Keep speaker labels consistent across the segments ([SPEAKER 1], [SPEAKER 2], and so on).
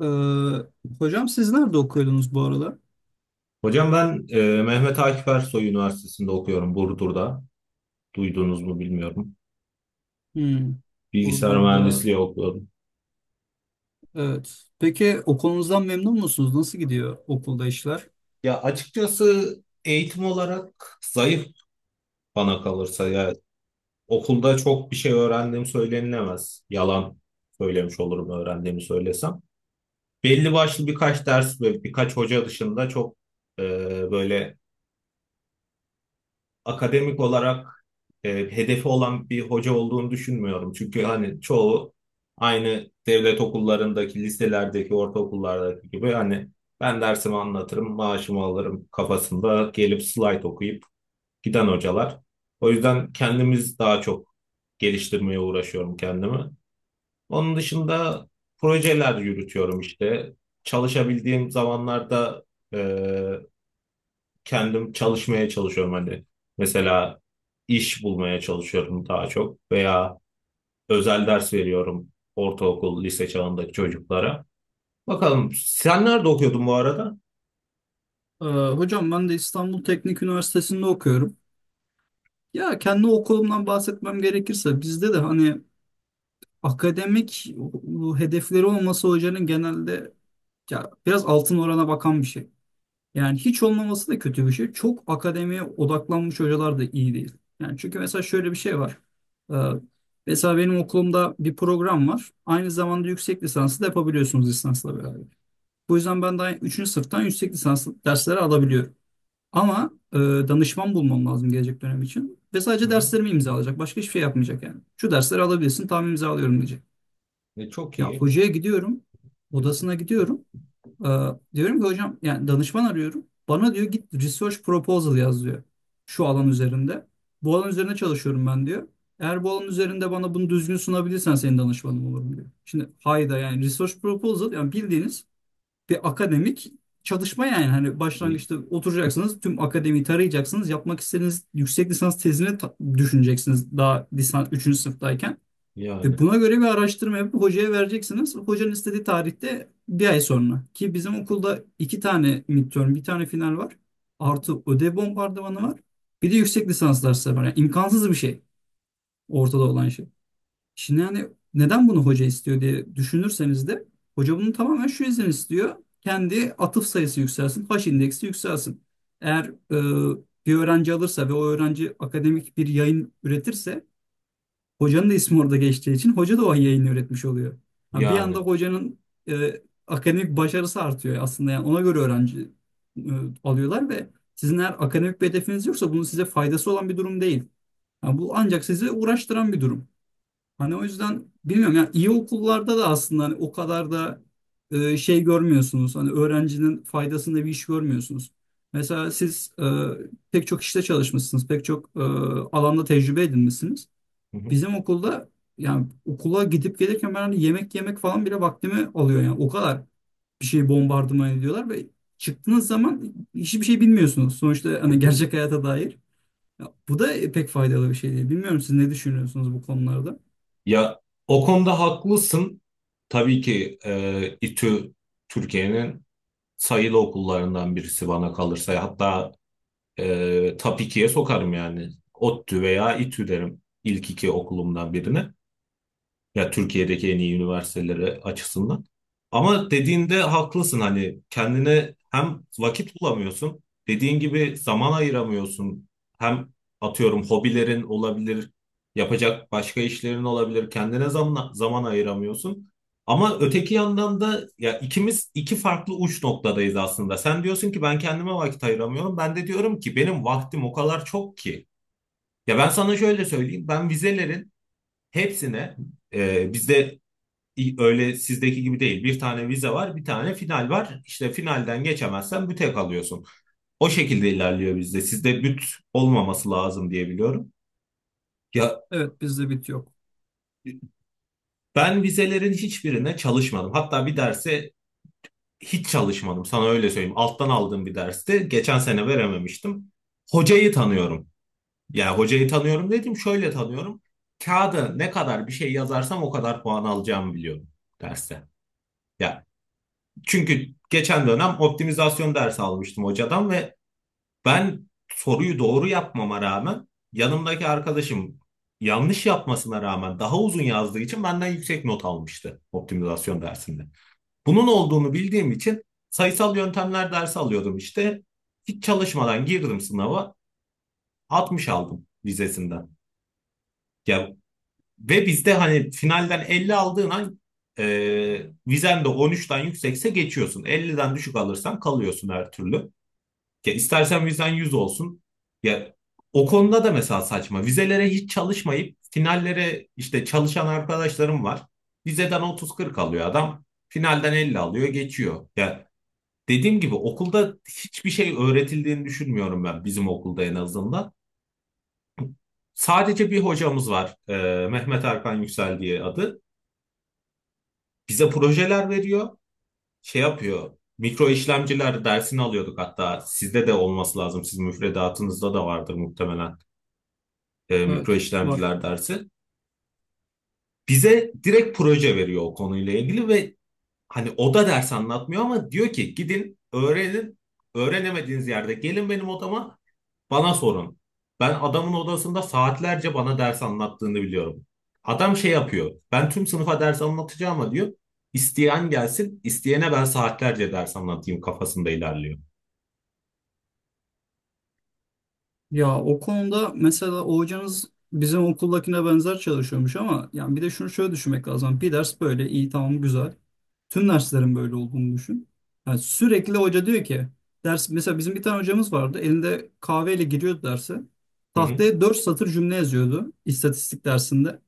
[SPEAKER 1] Ee, Hocam siz nerede okuyordunuz bu aralar?
[SPEAKER 2] Hocam ben Mehmet Akif Ersoy Üniversitesi'nde okuyorum Burdur'da. Duydunuz mu bilmiyorum.
[SPEAKER 1] Hmm,
[SPEAKER 2] Bilgisayar
[SPEAKER 1] Burdur'da.
[SPEAKER 2] mühendisliği okuyorum.
[SPEAKER 1] Evet. Peki okulunuzdan memnun musunuz? Nasıl gidiyor okulda işler?
[SPEAKER 2] Ya açıkçası eğitim olarak zayıf bana kalırsa ya okulda çok bir şey öğrendiğim söylenilemez. Yalan söylemiş olurum öğrendiğimi söylesem. Belli başlı birkaç ders ve birkaç hoca dışında çok e, böyle akademik olarak e, hedefi olan bir hoca olduğunu düşünmüyorum. Çünkü hani çoğu aynı devlet okullarındaki, liselerdeki, ortaokullardaki gibi hani ben dersimi anlatırım, maaşımı alırım kafasında gelip slayt okuyup giden hocalar. O yüzden kendimiz daha çok geliştirmeye uğraşıyorum kendimi. Onun dışında projeler yürütüyorum işte. Çalışabildiğim zamanlarda e, kendim çalışmaya çalışıyorum hani. Mesela iş bulmaya çalışıyorum daha çok veya özel ders veriyorum ortaokul, lise çağındaki çocuklara. Bakalım sen nerede okuyordun bu arada?
[SPEAKER 1] Hocam ben de İstanbul Teknik Üniversitesi'nde okuyorum. Ya kendi okulumdan bahsetmem gerekirse bizde de hani akademik hedefleri olması hocanın genelde ya biraz altın orana bakan bir şey. Yani hiç olmaması da kötü bir şey. Çok akademiye odaklanmış hocalar da iyi değil. Yani çünkü mesela şöyle bir şey var. Ee, Mesela benim okulumda bir program var. Aynı zamanda yüksek lisansı da yapabiliyorsunuz lisansla beraber. Bu yüzden ben daha 3. sınıftan yüksek lisans dersleri alabiliyorum. Ama danışman bulmam lazım gelecek dönem için. Ve
[SPEAKER 2] Hı
[SPEAKER 1] sadece
[SPEAKER 2] hı.
[SPEAKER 1] derslerimi imzalayacak. Başka hiçbir şey yapmayacak yani. Şu dersleri alabilirsin, tamam imzalıyorum diyecek.
[SPEAKER 2] E, çok
[SPEAKER 1] Ya
[SPEAKER 2] iyi.
[SPEAKER 1] hocaya gidiyorum, odasına gidiyorum. Ee, Diyorum ki hocam yani danışman arıyorum. Bana diyor git research proposal yaz diyor. Şu alan üzerinde. Bu alan üzerine çalışıyorum ben diyor. Eğer bu alan üzerinde bana bunu düzgün sunabilirsen senin danışmanım olurum diyor. Şimdi hayda yani research proposal yani bildiğiniz bir akademik çalışma yani. Hani
[SPEAKER 2] Y-
[SPEAKER 1] başlangıçta oturacaksınız tüm akademiyi tarayacaksınız. Yapmak istediğiniz yüksek lisans tezini düşüneceksiniz daha lisans üçüncü sınıftayken. E
[SPEAKER 2] Yani,
[SPEAKER 1] buna göre bir araştırma yapıp hocaya vereceksiniz. Hocanın istediği tarihte bir ay sonra. Ki bizim okulda iki tane midterm, bir tane final var. Artı ödev bombardımanı var. Bir de yüksek lisans dersleri var. Yani imkansız bir şey ortada olan şey. Şimdi yani neden bunu hoca istiyor diye düşünürseniz de hoca bunu tamamen şu yüzden istiyor. Kendi atıf sayısı yükselsin, H indeksi yükselsin. Eğer bir öğrenci alırsa ve o öğrenci akademik bir yayın üretirse hocanın da ismi orada geçtiği için hoca da o yayını üretmiş oluyor. Ha, bir anda
[SPEAKER 2] yani.
[SPEAKER 1] hocanın e, akademik başarısı artıyor aslında. Yani ona göre öğrenci e, alıyorlar ve sizin eğer akademik bir hedefiniz yoksa bunun size faydası olan bir durum değil. Ha, bu ancak sizi uğraştıran bir durum. Hani o yüzden bilmiyorum yani iyi okullarda da aslında hani o kadar da şey görmüyorsunuz. Hani öğrencinin faydasında bir iş görmüyorsunuz. Mesela siz pek çok işte çalışmışsınız, pek çok alanda tecrübe edinmişsiniz.
[SPEAKER 2] Hı
[SPEAKER 1] Bizim okulda yani okula gidip gelirken ben hani yemek yemek falan bile vaktimi alıyor yani o kadar bir şey bombardıman ediyorlar ve çıktığınız zaman hiçbir şey bilmiyorsunuz sonuçta hani
[SPEAKER 2] hı.
[SPEAKER 1] gerçek hayata dair. Ya bu da pek faydalı bir şey değil. Bilmiyorum siz ne düşünüyorsunuz bu konularda?
[SPEAKER 2] Ya o konuda haklısın. Tabii ki İTÜ Türkiye'nin sayılı okullarından birisi bana kalırsa. Hatta top 2'ye sokarım yani. ODTÜ veya İTÜ derim ilk iki okulumdan birine. Ya Türkiye'deki en iyi üniversitelere açısından. Ama dediğinde haklısın hani kendine hem vakit bulamıyorsun, dediğin gibi zaman ayıramıyorsun. Hem atıyorum hobilerin olabilir, yapacak başka işlerin olabilir. Kendine zaman zaman ayıramıyorsun. Ama öteki yandan da ya ikimiz iki farklı uç noktadayız aslında. Sen diyorsun ki ben kendime vakit ayıramıyorum. Ben de diyorum ki benim vaktim o kadar çok ki. Ya ben sana şöyle söyleyeyim. Ben vizelerin hepsine bizde öyle sizdeki gibi değil. Bir tane vize var, bir tane final var. İşte finalden geçemezsen büte kalıyorsun. O şekilde ilerliyor bizde. Sizde büt olmaması lazım diye biliyorum. Ya
[SPEAKER 1] Evet, bizde bit yok.
[SPEAKER 2] ben vizelerin hiçbirine çalışmadım. Hatta bir derse hiç çalışmadım. Sana öyle söyleyeyim. Alttan aldığım bir derste geçen sene verememiştim. Hocayı tanıyorum. Yani hocayı tanıyorum dedim. Şöyle tanıyorum. Kağıda ne kadar bir şey yazarsam o kadar puan alacağımı biliyorum derste. Ya, çünkü geçen dönem optimizasyon dersi almıştım hocadan ve ben soruyu doğru yapmama rağmen yanımdaki arkadaşım yanlış yapmasına rağmen daha uzun yazdığı için benden yüksek not almıştı optimizasyon dersinde. Bunun olduğunu bildiğim için sayısal yöntemler dersi alıyordum işte. Hiç çalışmadan girdim sınava, 60 aldım vizesinden. Ya, ve bizde hani finalden 50 aldığın an e, vizen de 13'ten yüksekse geçiyorsun. 50'den düşük alırsan kalıyorsun her türlü. Ya istersen vizen 100 olsun. Ya o konuda da mesela saçma. Vizelere hiç çalışmayıp finallere işte çalışan arkadaşlarım var. Vizeden 30-40 alıyor adam. Finalden 50 alıyor, geçiyor. Ya dediğim gibi okulda hiçbir şey öğretildiğini düşünmüyorum ben bizim okulda en azından. Sadece bir hocamız var. Mehmet Erkan Yüksel diye adı. Bize projeler veriyor. Şey yapıyor. Mikro işlemciler dersini alıyorduk hatta. Sizde de olması lazım. Sizin müfredatınızda da vardır muhtemelen. E, mikro
[SPEAKER 1] Evet, var.
[SPEAKER 2] işlemciler dersi. Bize direkt proje veriyor o konuyla ilgili ve hani o da ders anlatmıyor ama diyor ki gidin öğrenin. Öğrenemediğiniz yerde gelin benim odama bana sorun. Ben adamın odasında saatlerce bana ders anlattığını biliyorum. Adam şey yapıyor. Ben tüm sınıfa ders anlatacağım ama diyor. İsteyen gelsin, isteyene ben saatlerce ders anlatayım kafasında ilerliyor.
[SPEAKER 1] Ya o konuda mesela o hocanız bizim okuldakine benzer çalışıyormuş ama yani bir de şunu şöyle düşünmek lazım. Bir ders böyle iyi tamam güzel. Tüm derslerin böyle olduğunu düşün. Yani sürekli hoca diyor ki ders mesela bizim bir tane hocamız vardı. Elinde kahveyle giriyordu derse.
[SPEAKER 2] Hı hı.
[SPEAKER 1] Tahtaya 4 satır cümle yazıyordu istatistik dersinde.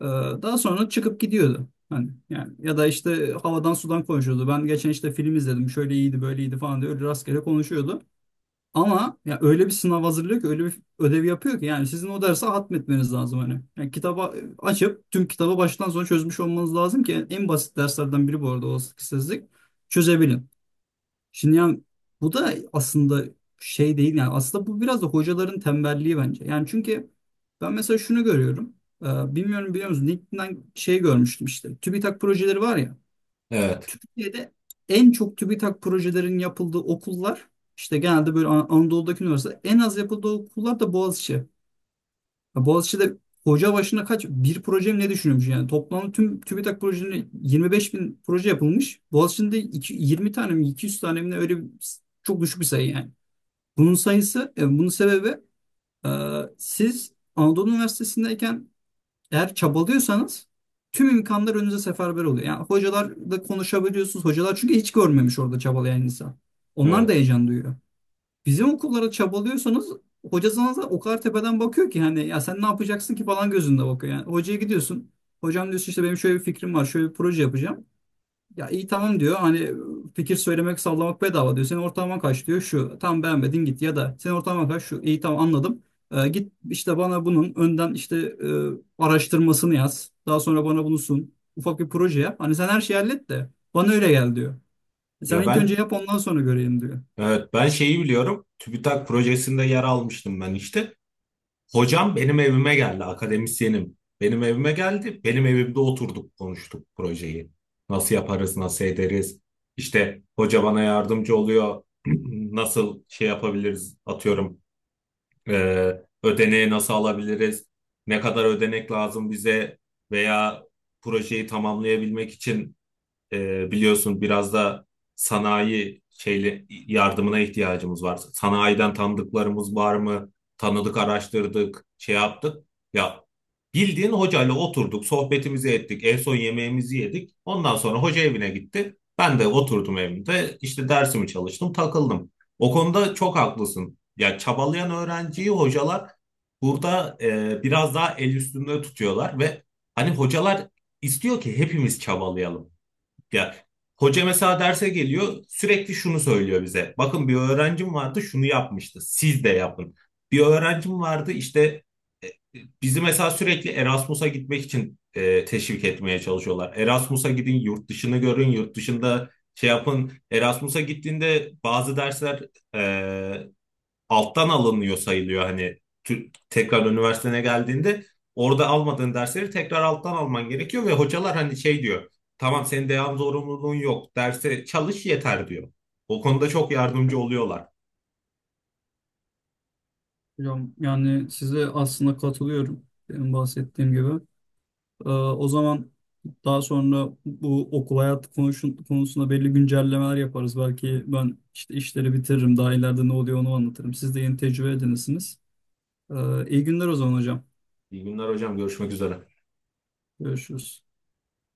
[SPEAKER 1] Ee, Daha sonra çıkıp gidiyordu. Hani yani ya da işte havadan sudan konuşuyordu. Ben geçen işte film izledim. Şöyle iyiydi, böyle iyiydi falan diye öyle rastgele konuşuyordu. Ama ya öyle bir sınav hazırlıyor ki öyle bir ödev yapıyor ki yani sizin o dersi hatmetmeniz lazım hani. Yani kitaba açıp tüm kitabı baştan sona çözmüş olmanız lazım ki en basit derslerden biri bu arada olasılıksızlık çözebilin. Şimdi yani bu da aslında şey değil yani aslında bu biraz da hocaların tembelliği bence. Yani çünkü ben mesela şunu görüyorum. Bilmiyorum biliyor musun? LinkedIn'den şey görmüştüm işte. TÜBİTAK projeleri var ya.
[SPEAKER 2] Evet,
[SPEAKER 1] Türkiye'de en çok TÜBİTAK projelerin yapıldığı okullar işte genelde böyle Anadolu'daki üniversite en az yapıldığı okullar da Boğaziçi. Ya Boğaziçi'de hoca başına kaç bir proje mi ne düşünüyormuş yani toplam tüm TÜBİTAK projeleri 25 bin proje yapılmış. Boğaziçi'nde 20 tane mi 200 tane mi ne öyle bir, çok düşük bir sayı yani. Bunun sayısı bunun sebebi e, siz Anadolu Üniversitesi'ndeyken eğer çabalıyorsanız tüm imkanlar önünüze seferber oluyor. Yani hocalarla konuşabiliyorsunuz. Hocalar çünkü hiç görmemiş orada çabalayan insan. Onlar da
[SPEAKER 2] evet.
[SPEAKER 1] heyecan duyuyor. Bizim okullara çabalıyorsanız hoca sana da o kadar tepeden bakıyor ki hani ya sen ne yapacaksın ki falan gözünde bakıyor. Yani hocaya gidiyorsun. Hocam diyorsun işte benim şöyle bir fikrim var. Şöyle bir proje yapacağım. Ya iyi tamam diyor. Hani fikir söylemek sallamak bedava diyor. Senin ortalaman kaç diyor. Şu tam beğenmedin git ya da senin ortalaman kaç şu iyi tamam anladım. Git işte bana bunun önden işte araştırmasını yaz. Daha sonra bana bunu sun. Ufak bir proje yap. Hani sen her şeyi hallet de bana öyle gel diyor. Sen
[SPEAKER 2] Ya
[SPEAKER 1] ilk önce
[SPEAKER 2] ben
[SPEAKER 1] yap ondan sonra göreyim diyor.
[SPEAKER 2] Evet, ben şeyi biliyorum. TÜBİTAK projesinde yer almıştım ben işte. Hocam benim evime geldi, akademisyenim. Benim evime geldi, benim evimde oturduk, konuştuk projeyi. Nasıl yaparız, nasıl ederiz? İşte hoca bana yardımcı oluyor. Nasıl şey yapabiliriz, atıyorum. e, Ödeneği nasıl alabiliriz? Ne kadar ödenek lazım bize? Veya projeyi tamamlayabilmek için biliyorsun biraz da sanayi şeyle yardımına ihtiyacımız var. Sanayiden tanıdıklarımız var mı? Tanıdık, araştırdık, şey yaptık. Ya bildiğin hocayla oturduk, sohbetimizi ettik, en son yemeğimizi yedik. Ondan sonra hoca evine gitti. Ben de oturdum evimde, işte dersimi çalıştım, takıldım. O konuda çok haklısın. Ya çabalayan öğrenciyi hocalar burada biraz daha el üstünde tutuyorlar ve hani hocalar istiyor ki hepimiz çabalayalım. Ya hoca mesela derse geliyor sürekli şunu söylüyor bize. Bakın bir öğrencim vardı şunu yapmıştı. Siz de yapın. Bir öğrencim vardı işte e, bizi mesela sürekli Erasmus'a gitmek için teşvik etmeye çalışıyorlar. Erasmus'a gidin, yurt dışını görün, yurt dışında şey yapın. Erasmus'a gittiğinde bazı dersler e, alttan alınıyor sayılıyor hani tekrar üniversitene geldiğinde orada almadığın dersleri tekrar alttan alman gerekiyor ve hocalar hani şey diyor, tamam senin devam zorunluluğun yok derse çalış yeter diyor. O konuda çok yardımcı oluyorlar.
[SPEAKER 1] Hocam yani size aslında katılıyorum. Benim bahsettiğim gibi. O zaman daha sonra bu okul hayatı konuşun, konusunda belli güncellemeler yaparız. Belki ben işte işleri bitiririm. Daha ileride ne oluyor onu anlatırım. Siz de yeni tecrübe edinirsiniz. İyi günler o zaman hocam.
[SPEAKER 2] İyi günler hocam, görüşmek üzere.
[SPEAKER 1] Görüşürüz.